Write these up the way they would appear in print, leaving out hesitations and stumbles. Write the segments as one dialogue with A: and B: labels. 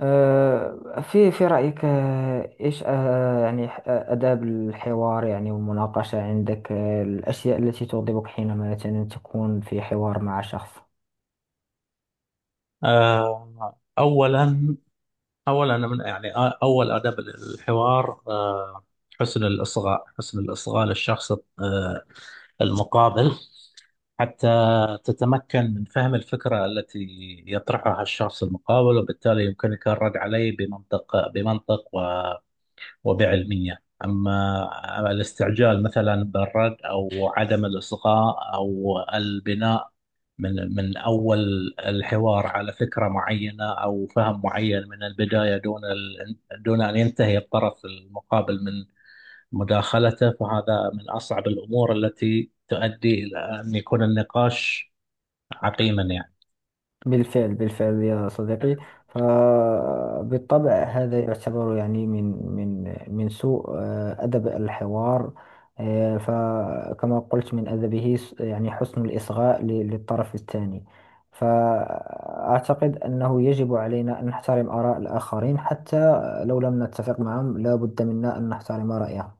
A: في رأيك إيش يعني آداب الحوار يعني والمناقشة عندك، الأشياء التي تغضبك حينما مثلا تكون في حوار مع شخص.
B: أولا. من أول آداب الحوار، حسن الإصغاء، حسن الإصغاء للشخص آه، المقابل، حتى تتمكن من فهم الفكرة التي يطرحها الشخص المقابل، وبالتالي يمكنك الرد عليه بمنطق، وبعلمية. أما الاستعجال مثلا بالرد، أو عدم الإصغاء، أو البناء من أول الحوار على فكرة معينة أو فهم معين من البداية دون أن ينتهي الطرف المقابل من مداخلته، فهذا من أصعب الأمور التي تؤدي إلى أن يكون النقاش عقيما يعني.
A: بالفعل، بالفعل يا صديقي. فبالطبع هذا يعتبر يعني من من سوء أدب الحوار. فكما قلت من أدبه يعني حسن الإصغاء للطرف الثاني. فأعتقد أنه يجب علينا أن نحترم آراء الآخرين، حتى لو لم نتفق معهم لا بد منا أن نحترم رأيهم.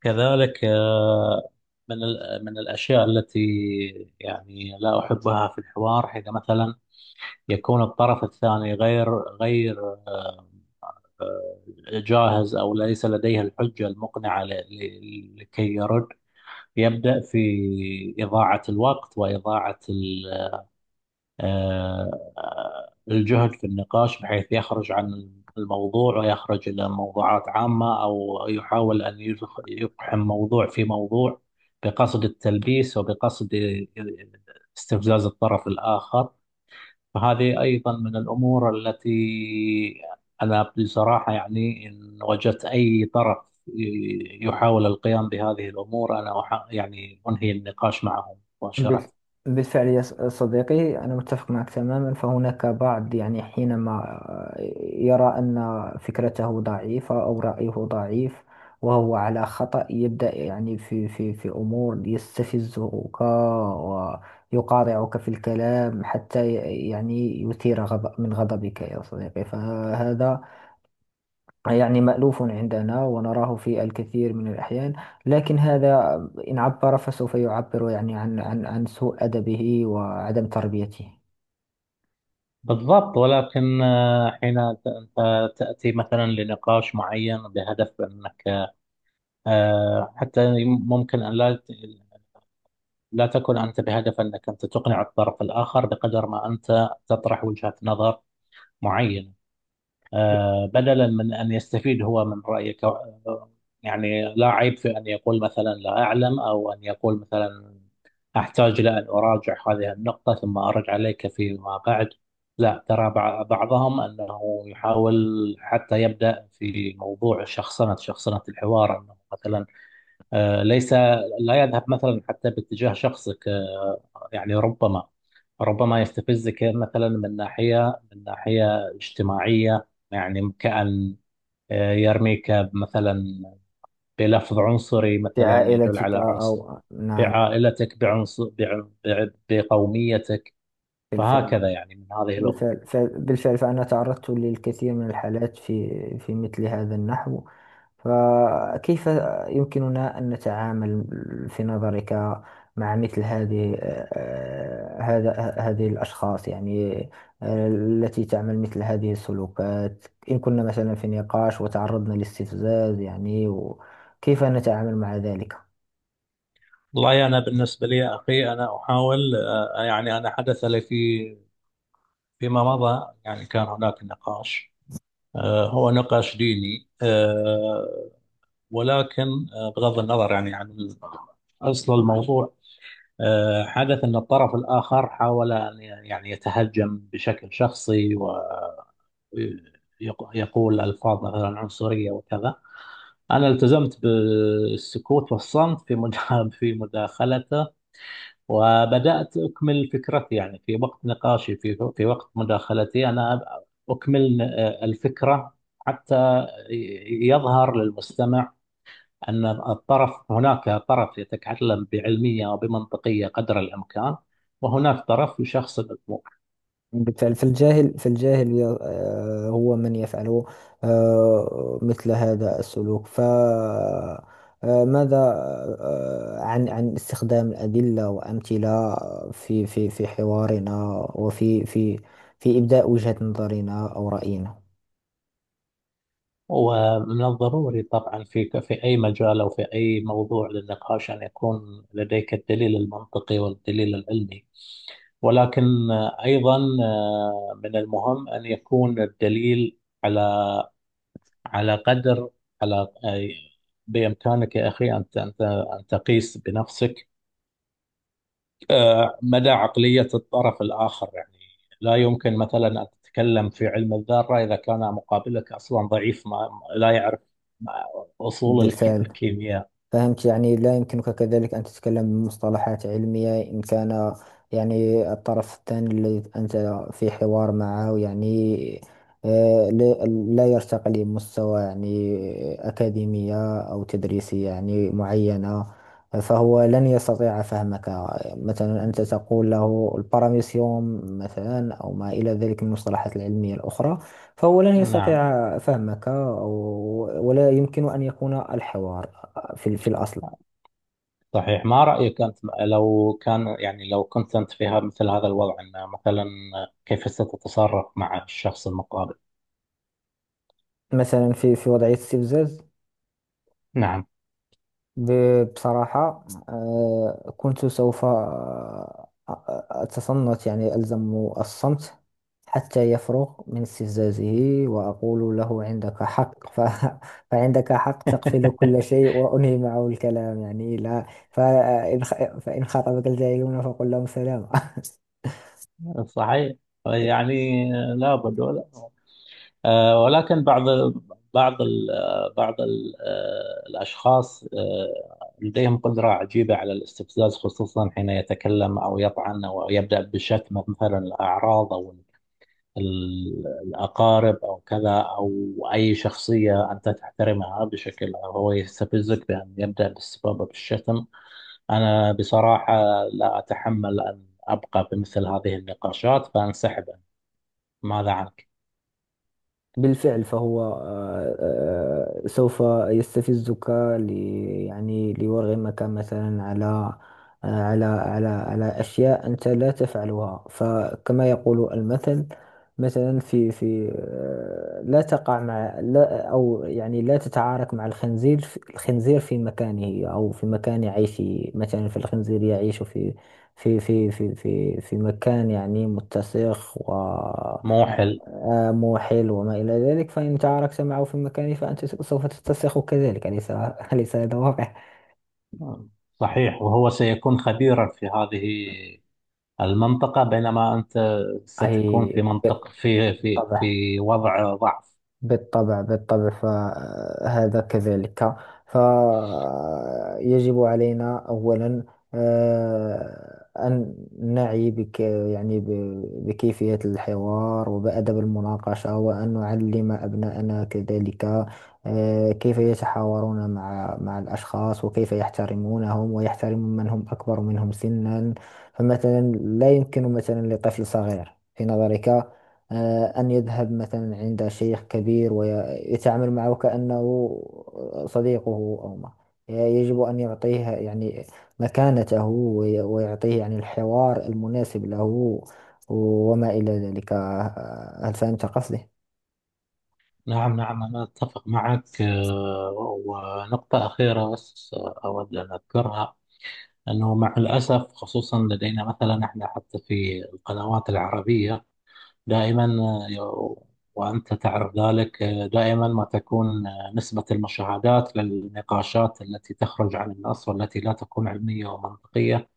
B: كذلك من من الأشياء التي يعني لا أحبها في الحوار، حين مثلا يكون الطرف الثاني غير غير آه، جاهز، أو ليس لديه الحجة المقنعة لكي يرد، يبدأ في إضاعة الوقت وإضاعة الجهد في النقاش، بحيث يخرج عن الموضوع ويخرج إلى موضوعات عامة، أو يحاول أن يقحم موضوع في موضوع بقصد التلبيس، وبقصد استفزاز الطرف الآخر. فهذه أيضا من الأمور التي أنا بصراحة يعني إن وجدت أي طرف يحاول القيام بهذه الأمور، أنا يعني أنهي النقاش معهم
A: بال-
B: مباشرة.
A: بالفعل يا صديقي، أنا متفق معك تماما. فهناك بعض، يعني حينما آه، يرى أن فكرته ضعيفة أو رأيه ضعيف وهو على خطأ، يبدأ يعني في في أمور يستفزك ويقاطعك في الكلام حتى يعني يثير غضب غضبك يا صديقي. فهذا يعني مألوف عندنا ونراه في الكثير من الأحيان. لكن هذا إن عبر فسوف يعبر يعني عن عن سوء أدبه وعدم تربيته
B: بالضبط، ولكن حين أنت تأتي مثلا لنقاش معين بهدف أنك حتى ممكن أن لا تكن أنت بهدف أنك أنت تقنع الطرف الآخر، بقدر ما أنت تطرح وجهة نظر معينة. بدلا من أن يستفيد هو من رأيك، يعني لا عيب في أن يقول مثلا لا أعلم، أو أن يقول مثلا أحتاج إلى أن أراجع هذه النقطة ثم أرد عليك فيما بعد. لا ترى بعضهم أنه يحاول حتى يبدأ في موضوع شخصنة، شخصنة الحوار، أنه مثلا آه، ليس لا يذهب مثلا حتى باتجاه شخصك. يعني ربما يستفزك مثلا من ناحية، من ناحية اجتماعية، يعني كأن يرميك مثلا بلفظ عنصري،
A: في
B: مثلا يدل
A: عائلتك،
B: على عنصر
A: أو نعم.
B: بعائلتك، بعنصر بقوميتك.
A: بالفعل،
B: فهكذا يعني من هذه الأمور.
A: بالفعل فأنا تعرضت للكثير من الحالات في مثل هذا النحو. فكيف يمكننا أن نتعامل في نظرك مع مثل هذه الأشخاص، يعني التي تعمل مثل هذه السلوكات؟ إن كنا مثلا في نقاش وتعرضنا لاستفزاز، يعني كيف نتعامل مع ذلك؟
B: والله أنا بالنسبة لي يا أخي أنا أحاول، يعني أنا حدث لي في فيما مضى، يعني كان هناك نقاش هو نقاش ديني، ولكن بغض النظر يعني عن أصل الموضوع، حدث أن الطرف الآخر حاول أن يعني يتهجم بشكل شخصي، ويقول ألفاظ مثلا عنصرية وكذا. أنا التزمت بالسكوت والصمت في في مداخلته، وبدأت أكمل فكرتي، يعني في وقت نقاشي، في وقت مداخلتي أنا أكمل الفكرة، حتى يظهر للمستمع أن الطرف، هناك طرف يتكلم بعلمية وبمنطقية قدر الإمكان، وهناك طرف يشخص الأمور.
A: بالفعل. فالجاهل، هو من يفعل مثل هذا السلوك. ف آه، ماذا عن استخدام الأدلة وأمثلة في في حوارنا وفي في إبداء وجهة نظرنا أو رأينا؟
B: ومن الضروري طبعا في أي مجال، أو في أي موضوع للنقاش، أن يكون لديك الدليل المنطقي والدليل العلمي. ولكن أيضا من المهم أن يكون الدليل على، على قدر، على، بإمكانك يا أخي أن أن تقيس بنفسك مدى عقلية الطرف الآخر يعني. لا يمكن مثلا أن تتكلم في علم الذرة إذا كان مقابلك أصلا ضعيف ما لا يعرف ما- أصول
A: بالفعل،
B: الكيمياء.
A: فهمت. يعني لا يمكنك كذلك أن تتكلم بمصطلحات علمية إن كان يعني الطرف الثاني الذي أنت في حوار معه يعني لا، يرتقي لمستوى يعني أكاديمية أو تدريسية يعني معينة، فهو لن يستطيع فهمك. مثلا أنت تقول له الباراميسيوم مثلا أو ما إلى ذلك من المصطلحات العلمية الأخرى، فهو لن
B: نعم.
A: يستطيع فهمك. أو ولا يمكن أن يكون الحوار في الأصل.
B: صحيح. ما رأيك أنت لو كان، يعني لو كنت أنت في مثل هذا الوضع، أن مثلا كيف ستتصرف مع الشخص المقابل؟
A: مثلا في وضعية استفزاز،
B: نعم.
A: بصراحة كنت سوف أتصنت، يعني ألزم الصمت حتى يفرغ من استفزازه وأقول له عندك حق. ف... فعندك حق، تقفل كل شيء وأنهي معه الكلام. يعني لا، فإن فإن خاطبك الجاهلون فقل لهم سلام.
B: صحيح. يعني لابد ولا ولكن بعض بعض ال بعض ال آه، الأشخاص لديهم قدرة عجيبة على الاستفزاز، خصوصا حين يتكلم أو يطعن أو يبدأ بشتم مثلا الأعراض، أو الأقارب، أو كذا، أو أي شخصية أنت تحترمها، بشكل هو يستفزك بأن يبدأ بالاستفاضة بالشتم. أنا بصراحة لا أتحمل أن أبقى بمثل هذه النقاشات، فأنسحب. ماذا عنك؟
A: بالفعل، فهو سوف يستفزك ل يعني ليرغمك مثلا على على على أشياء أنت لا تفعلها. فكما يقول المثل، مثلا في لا تقع مع لا، أو يعني لا تتعارك مع الخنزير في مكانه أو في مكان عيشه. مثلا فالخنزير يعيش في في مكان يعني متسخ، و
B: موحل.
A: آم حلو وما إلى ذلك. فإن شعرك سمع في المكان فأنت سوف تتسخ كذلك، أليس هذا واقع؟
B: صحيح، وهو سيكون خبيرا في هذه المنطقة، بينما أنت
A: أي،
B: ستكون في منطقة، في في
A: بالطبع.
B: في وضع ضعف.
A: بالطبع فهذا كذلك. فيجب علينا أولا أن نعي بك، يعني بكيفية الحوار وبأدب المناقشة، وأن نعلم أبناءنا كذلك كيف يتحاورون مع الأشخاص وكيف يحترمونهم ويحترمون من هم أكبر منهم سنا. فمثلا لا يمكن مثلا لطفل صغير، في نظرك، أن يذهب مثلا عند شيخ كبير ويتعامل معه كأنه صديقه أو ما. يجب أن يعطيه يعني مكانته، ويعطيه يعني الحوار المناسب له وما إلى ذلك. هل فهمت قصدي؟
B: نعم، نعم، أنا أتفق معك. ونقطة أخيرة بس أود أن أذكرها، أنه مع الأسف خصوصا لدينا مثلا إحنا، حتى في القنوات العربية، دائما آه، وأنت تعرف ذلك، دائما ما تكون نسبة المشاهدات للنقاشات التي تخرج عن النص، والتي لا تكون علمية ومنطقية.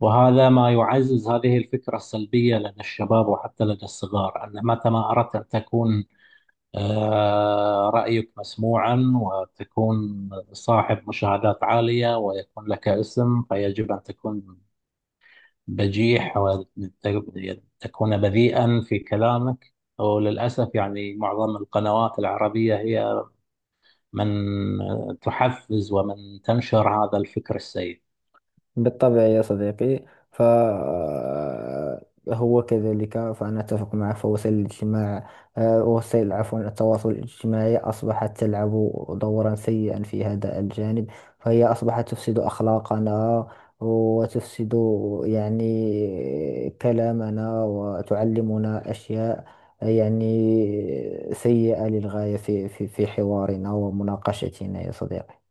B: وهذا ما يعزز هذه الفكرة السلبية لدى الشباب، وحتى لدى الصغار، أن متى ما أردت أن تكون رأيك مسموعا، وتكون صاحب مشاهدات عالية، ويكون لك اسم، فيجب أن تكون بجيح، وتكون تكون بذيئا في كلامك. وللأسف يعني معظم القنوات العربية هي من تحفز، ومن تنشر هذا الفكر السيء.
A: بالطبع يا صديقي، فهو كذلك. فأنا أتفق معه. فوسائل الاجتماع، وسائل، عفوا، التواصل الاجتماعي أصبحت تلعب دورا سيئا في هذا الجانب. فهي أصبحت تفسد أخلاقنا وتفسد يعني كلامنا، وتعلمنا أشياء يعني سيئة للغاية في في حوارنا ومناقشتنا يا صديقي.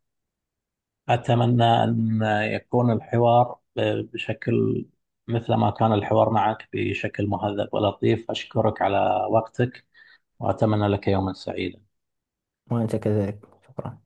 B: أتمنى أن يكون الحوار بشكل، مثل ما كان الحوار معك، بشكل مهذب ولطيف. أشكرك على وقتك، وأتمنى لك يوما سعيدا.
A: وأنت كذلك، شكرا.